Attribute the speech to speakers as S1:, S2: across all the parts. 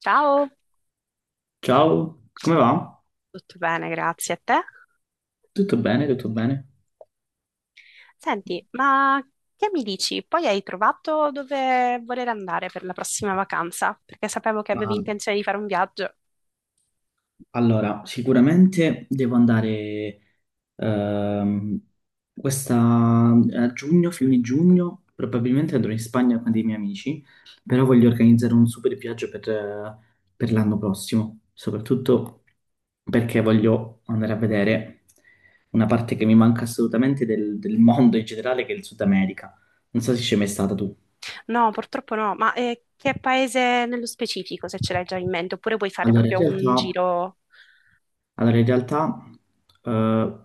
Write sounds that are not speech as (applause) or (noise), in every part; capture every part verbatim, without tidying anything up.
S1: Ciao,
S2: Ciao, come va?
S1: tutto bene, grazie a te.
S2: Tutto bene, tutto bene.
S1: Senti, ma che mi dici? Poi hai trovato dove voler andare per la prossima vacanza? Perché sapevo che avevi
S2: Ah,
S1: intenzione di fare un viaggio.
S2: allora, sicuramente devo andare ehm, questa, a giugno, fine giugno, probabilmente andrò in Spagna con dei miei amici, però voglio organizzare un super viaggio per, eh, per l'anno prossimo, soprattutto perché voglio andare a vedere una parte che mi manca assolutamente del, del mondo in generale, che è il Sud America. Non so se ci sei mai stata tu.
S1: No, purtroppo no, ma eh, che paese nello specifico, se ce l'hai già in mente? Oppure vuoi fare
S2: Allora, in
S1: proprio un
S2: realtà...
S1: giro?
S2: Allora, in realtà, eh,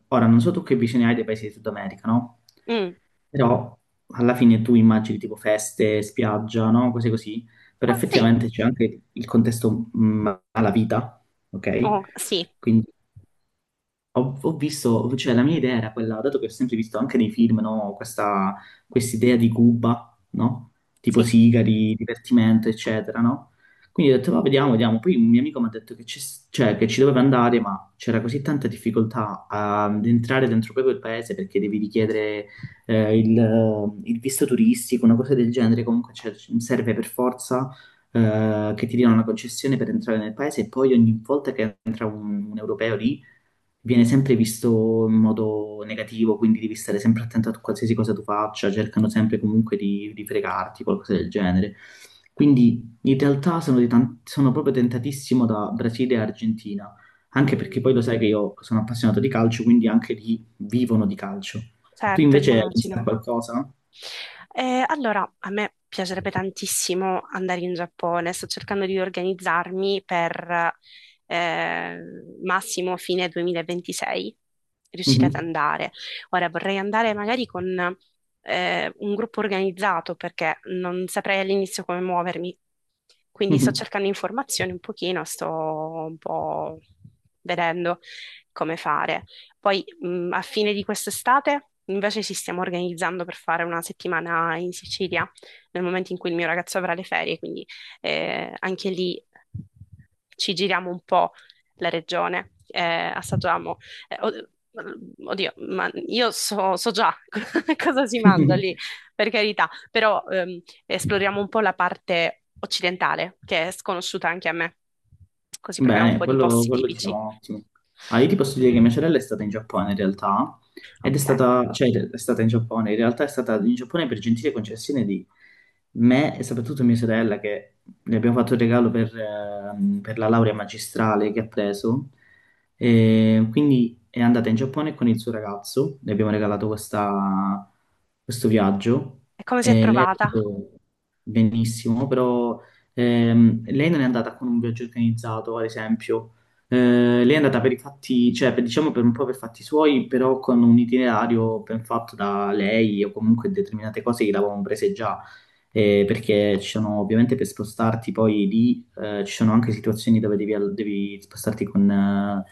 S2: ora non so tu che visione hai dei paesi di Sud America, no?
S1: Mm.
S2: Però alla fine tu immagini tipo feste, spiaggia, no? Cose così, però
S1: Oh, sì,
S2: effettivamente c'è anche il contesto mh, alla vita, ok?
S1: oh, sì,
S2: Quindi ho, ho visto, cioè la mia idea era quella, dato che ho sempre visto anche nei film, no, questa idea di Cuba, no? Tipo
S1: sì.
S2: sigari, divertimento, eccetera, no? Quindi ho detto, va, vediamo, vediamo. Poi un mio amico mi ha detto che, c'è- cioè, che ci doveva andare, ma c'era così tanta difficoltà ad entrare dentro proprio il paese perché devi richiedere eh, il, eh, il visto turistico, una cosa del genere. Comunque cioè, serve per forza eh, che ti diano una concessione per entrare nel paese e poi ogni volta che entra un un europeo lì viene sempre visto in modo negativo, quindi devi stare sempre attento a qualsiasi cosa tu faccia, cercano sempre comunque di, di fregarti, qualcosa del genere. Quindi in realtà sono, di tan- sono proprio tentatissimo da Brasile e Argentina, anche perché
S1: Mm,
S2: poi lo sai che io sono appassionato di calcio, quindi anche lì vivono di calcio. Tu
S1: certo,
S2: invece hai pensato a
S1: immagino.
S2: qualcosa?
S1: Eh, allora, a me piacerebbe tantissimo andare in Giappone, sto cercando di organizzarmi per eh, massimo fine duemilaventisei, riuscire ad
S2: Mhm,
S1: andare. Ora vorrei andare magari con eh, un gruppo organizzato perché non saprei all'inizio come muovermi, quindi sto
S2: mhm.
S1: cercando informazioni un pochino, sto un po' vedendo come fare. Poi mh, a fine di quest'estate invece ci stiamo organizzando per fare una settimana in Sicilia, nel momento in cui il mio ragazzo avrà le ferie, quindi eh, anche lì ci giriamo un po' la regione, eh, assaggiamo. eh, od- mm, Oddio, ma io so, so già (laughs) cosa si mangia lì,
S2: (laughs)
S1: per carità, però ehm, esploriamo un po' la parte occidentale, che è sconosciuta anche a me, così proviamo un
S2: Bene,
S1: po' di
S2: quello,
S1: posti
S2: quello
S1: tipici.
S2: diciamo ottimo. Ah, io ti posso dire che mia
S1: Quindi,
S2: sorella è stata in Giappone in realtà, ed è
S1: ok.
S2: stata, cioè è stata in Giappone, in realtà è stata in Giappone per gentile concessione di me e soprattutto mia sorella che le abbiamo fatto il regalo per, ehm, per la laurea magistrale che ha preso, e quindi è andata in Giappone con il suo ragazzo, le abbiamo regalato questa- questo viaggio
S1: E come si è
S2: e lei ha
S1: trovata?
S2: detto benissimo, però Ehm, lei non è andata con un viaggio organizzato, ad esempio. Eh, lei è andata per i fatti, cioè per- diciamo per un po' per fatti suoi, però con un itinerario ben fatto da lei o comunque determinate cose che l'avevamo prese già. Eh, perché ci sono ovviamente per spostarti poi lì, eh, ci sono anche situazioni dove devi, al- devi spostarti con eh,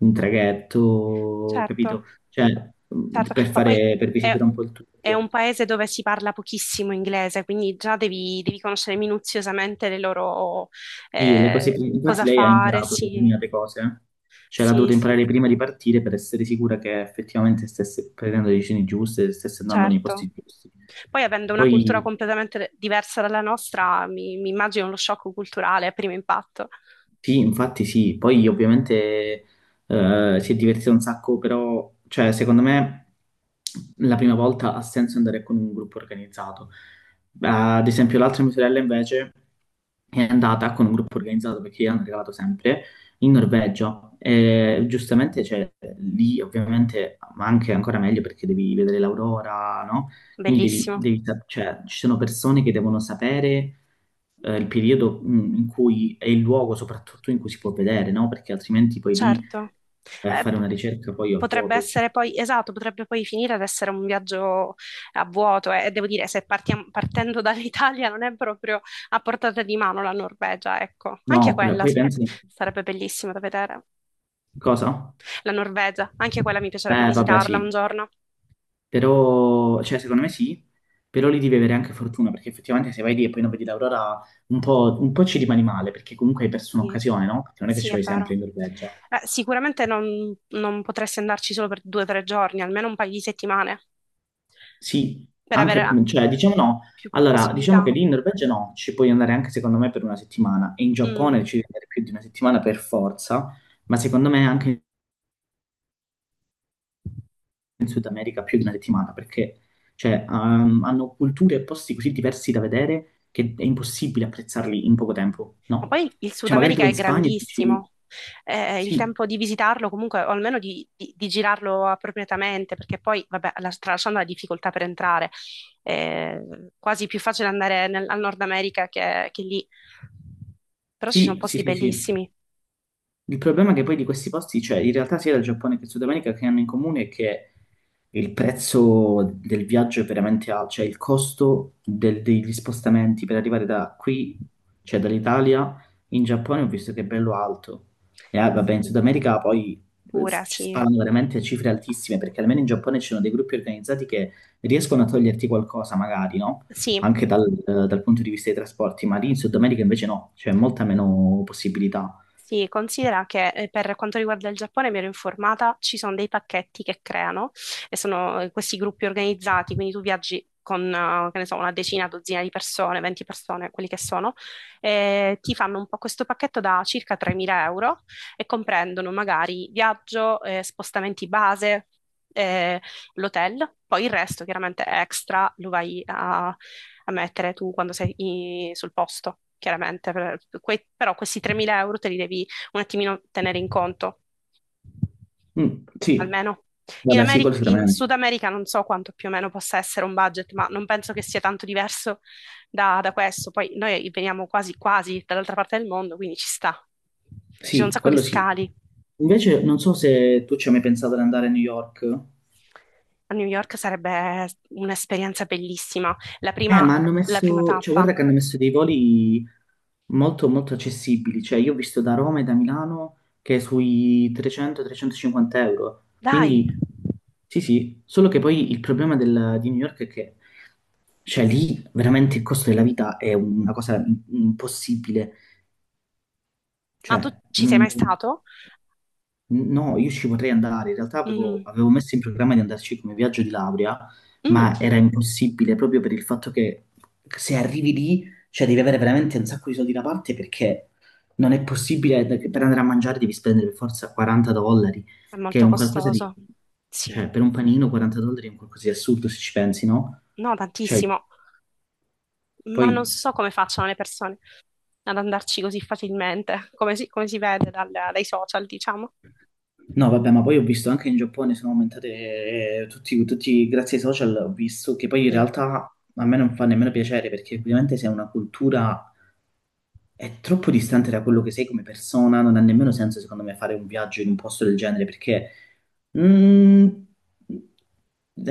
S2: un traghetto,
S1: Certo,
S2: capito? Cioè, mh,
S1: certo,
S2: per
S1: ma poi
S2: fare, per
S1: è,
S2: visitare un po' il
S1: è
S2: tutto.
S1: un paese dove si parla pochissimo inglese, quindi già devi, devi conoscere minuziosamente le loro
S2: Sì, le cose,
S1: eh, cosa
S2: infatti lei ha
S1: fare,
S2: imparato
S1: sì,
S2: determinate cose, eh. Cioè l'ha
S1: sì,
S2: dovuto
S1: sì,
S2: imparare prima di partire per essere sicura che effettivamente stesse prendendo le decisioni giuste, stesse andando nei
S1: certo.
S2: posti giusti.
S1: Poi avendo una cultura
S2: Poi
S1: completamente diversa dalla nostra, mi, mi immagino lo shock culturale a primo impatto.
S2: sì, infatti sì, poi ovviamente eh, si è divertito un sacco, però cioè, secondo me la prima volta ha senso andare con un gruppo organizzato. Ad esempio l'altra mia sorella invece è andata con un gruppo organizzato perché io hanno regalato sempre in Norvegia e giustamente cioè, lì ovviamente, ma anche ancora meglio perché devi vedere l'aurora, no? Quindi devi,
S1: Bellissimo.
S2: devi sap- cioè, ci sono persone che devono sapere eh, il periodo mm, in cui è il luogo soprattutto in cui si può vedere, no? Perché altrimenti poi lì
S1: Certo.
S2: vai a
S1: Eh,
S2: fare
S1: p-
S2: una ricerca poi a
S1: Potrebbe
S2: vuoto.
S1: essere poi, esatto, potrebbe poi finire ad essere un viaggio a vuoto eh, e devo dire, se partiam- partendo (laughs) dall'Italia non è proprio a portata di mano la Norvegia, ecco, anche
S2: No, poi,
S1: quella
S2: poi
S1: s-
S2: pensi
S1: sarebbe bellissima da vedere.
S2: cosa?
S1: La Norvegia, anche quella mi piacerebbe
S2: Eh, vabbè,
S1: visitarla un
S2: sì,
S1: giorno.
S2: però, cioè, secondo me sì, però lì devi avere anche fortuna, perché effettivamente se vai lì e poi non vedi l'aurora, un po', un po' ci rimani male, perché comunque hai perso
S1: Sì,
S2: un'occasione, no? Perché non è che
S1: sì,
S2: ci
S1: è
S2: vai sempre
S1: vero.
S2: in Norvegia.
S1: Eh, sicuramente non, non potresti andarci solo per due o tre giorni, almeno un paio di settimane,
S2: Sì,
S1: per
S2: anche,
S1: avere
S2: mm, cioè, diciamo no.
S1: più
S2: Allora, diciamo che
S1: possibilità.
S2: lì in Norvegia no, ci puoi andare anche secondo me per una settimana e in
S1: Mm.
S2: Giappone ci devi andare più di una settimana per forza, ma secondo me anche in Sud America più di una settimana perché cioè, ehm, hanno culture e posti così diversi da vedere che è impossibile apprezzarli in poco tempo,
S1: Ma
S2: no?
S1: poi il Sud
S2: Cioè, magari tu
S1: America
S2: vai
S1: è
S2: in Spagna e dici
S1: grandissimo. Eh, il
S2: sì,
S1: tempo di visitarlo comunque, o almeno di, di- di girarlo appropriatamente, perché poi, vabbè, la- tralasciando la difficoltà per entrare, è quasi più facile andare nel- al Nord America che, che lì. Però ci sono
S2: sì, sì,
S1: posti
S2: sì, sì.
S1: bellissimi.
S2: Il problema è che poi di questi posti, cioè in realtà sia del Giappone che il Sud America che hanno in comune è che il prezzo del viaggio è veramente alto, cioè il costo del- degli spostamenti per arrivare da qui, cioè dall'Italia in Giappone, ho visto che è bello alto. E ah, vabbè, in
S1: Sì,
S2: Sud America poi eh,
S1: pura,
S2: ci
S1: sì.
S2: sparano veramente cifre altissime, perché almeno in Giappone ci sono dei gruppi organizzati che riescono a toglierti qualcosa, magari, no?
S1: Sì,
S2: Anche dal, dal punto di vista dei trasporti, ma lì in Sud America invece no, c'è molta meno possibilità.
S1: sì, considera che eh, per quanto riguarda il Giappone mi ero informata, ci sono dei pacchetti che creano e sono eh, questi gruppi organizzati, quindi tu viaggi con, eh, che ne so, una decina, dozzina di persone, venti persone, quelli che sono, e ti fanno un po' questo pacchetto da circa tremila euro e comprendono magari viaggio, eh, spostamenti base, eh, l'hotel, poi il resto chiaramente extra lo vai a, a mettere tu quando sei i- sul posto, chiaramente. Per- que- però questi tremila euro te li devi un attimino tenere in conto,
S2: Mm, sì,
S1: almeno. In
S2: vabbè, sì,
S1: Ameri-
S2: quello
S1: in
S2: sicuramente.
S1: Sud America non so quanto più o meno possa essere un budget, ma non penso che sia tanto diverso da, da questo. Poi noi veniamo quasi quasi dall'altra parte del mondo, quindi ci sta. Ci sono un
S2: Sì,
S1: sacco di
S2: quello sì.
S1: scali.
S2: Invece, non so se tu ci hai mai pensato di andare a New York.
S1: A New York sarebbe un'esperienza bellissima. La
S2: Eh,
S1: prima,
S2: ma hanno
S1: la prima
S2: messo, cioè, guarda
S1: tappa.
S2: che hanno messo dei voli molto, molto accessibili. Cioè, io ho visto da Roma e da Milano che è sui trecento-trecentocinquanta euro.
S1: Dai!
S2: Quindi, sì, sì. Solo che poi il problema del- di New York è che, cioè, lì veramente il costo della vita è una cosa im- impossibile.
S1: Ma tu
S2: Cioè,
S1: ci sei mai
S2: non.
S1: stato?
S2: No, io ci potrei andare. In realtà avevo,
S1: Mm,
S2: avevo messo in programma di andarci come viaggio di laurea,
S1: mm,
S2: ma era impossibile proprio per il fatto che se arrivi lì, cioè devi avere veramente un sacco di soldi da parte perché non è possibile, per andare a mangiare devi spendere per forza quaranta dollari,
S1: è
S2: che è
S1: molto
S2: un qualcosa di...
S1: costoso. Sì,
S2: Cioè per un panino quaranta dollari è un qualcosa di assurdo se ci pensi, no?
S1: no,
S2: Cioè,
S1: tantissimo. Ma non
S2: poi
S1: so come facciano le persone ad andarci così facilmente, come si, come si vede dal- dai social, diciamo.
S2: no, vabbè, ma poi ho visto anche in Giappone sono aumentate eh, tutti, tutti- grazie ai social, ho visto che poi in realtà a me non fa nemmeno piacere perché ovviamente se è una cultura è troppo distante da quello che sei come persona, non ha nemmeno senso, secondo me, fare un viaggio in un posto del genere, perché, mm,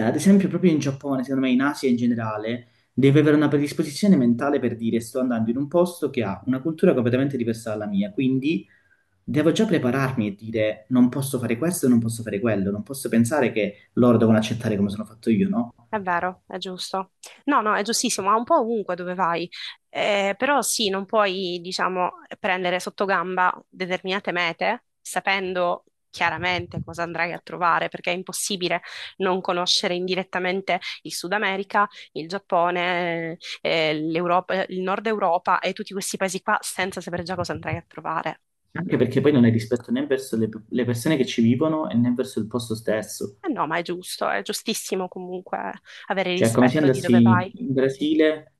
S2: ad esempio, proprio in Giappone, secondo me, in Asia in generale, devi avere una predisposizione mentale per dire sto andando in un posto che ha una cultura completamente diversa dalla mia, quindi devo già prepararmi e dire non posso fare questo, non posso fare quello, non posso pensare che loro devono accettare come sono fatto io, no?
S1: È vero, è giusto. No, no, è giustissimo, ma un po' ovunque dove vai. Eh, però sì, non puoi, diciamo, prendere sotto gamba determinate mete sapendo chiaramente cosa andrai a trovare, perché è impossibile non conoscere indirettamente il Sud America, il Giappone, eh, l'Europa, il Nord Europa e tutti questi paesi qua senza sapere già cosa andrai a trovare.
S2: Anche perché poi non è rispetto né verso le le persone che ci vivono e né verso il posto stesso.
S1: Eh no, ma è giusto, è giustissimo comunque avere
S2: Cioè, è come se
S1: rispetto di dove
S2: andassi
S1: vai.
S2: in Brasile,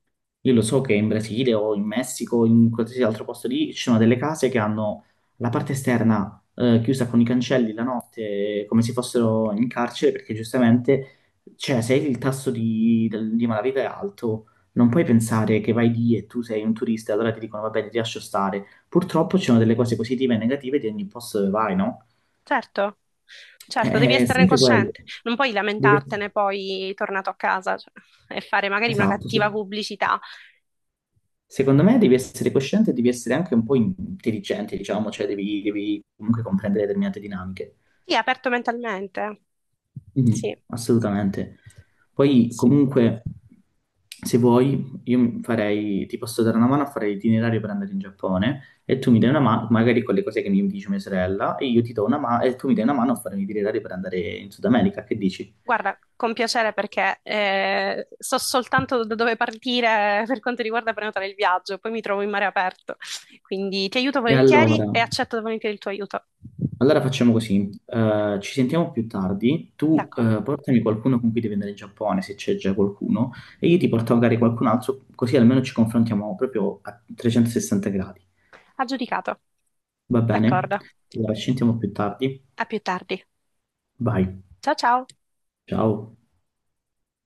S2: io lo so che in Brasile o in Messico o in qualsiasi altro posto lì ci sono delle case che hanno la parte esterna eh, chiusa con i cancelli la notte, eh, come se fossero in carcere, perché giustamente, cioè, se il tasso di, del- di malavita è alto, non puoi pensare che vai lì e tu sei un turista, allora ti dicono, va bene, ti lascio stare. Purtroppo ci sono delle cose positive e negative di ogni posto dove vai, no?
S1: Certo, certo, devi
S2: È
S1: esserne
S2: sempre quello.
S1: cosciente, non puoi
S2: Diver-
S1: lamentartene poi tornato a casa, cioè, e fare magari una
S2: Esatto, sì.
S1: cattiva pubblicità.
S2: Secondo me devi essere cosciente e devi essere anche un po' intelligente, diciamo, cioè devi, devi comunque comprendere determinate dinamiche.
S1: Sì, aperto mentalmente.
S2: Mhm,
S1: Sì,
S2: assolutamente.
S1: sì,
S2: Poi
S1: sì.
S2: comunque, se vuoi, io farei, ti posso dare una mano a fare l'itinerario per andare in Giappone e tu mi dai una mano, magari con le cose che mi dice mia sorella, e io ti do una mano e tu mi dai una mano a fare un itinerario per andare in Sud America, che dici?
S1: Guarda, con piacere perché eh, so soltanto da dove partire per quanto riguarda prenotare il viaggio, poi mi trovo in mare aperto. Quindi ti aiuto
S2: E
S1: volentieri
S2: allora?
S1: e accetto volentieri il tuo aiuto.
S2: Allora facciamo così, eh, ci sentiamo più tardi, tu
S1: D'accordo,
S2: eh, portami qualcuno con cui devi andare in Giappone, se c'è già qualcuno, e io ti porto magari qualcun altro, così almeno ci confrontiamo proprio a trecentosessanta gradi.
S1: aggiudicato.
S2: Va bene?
S1: D'accordo.
S2: Allora ci sentiamo più tardi,
S1: A più tardi.
S2: vai,
S1: Ciao ciao.
S2: ciao.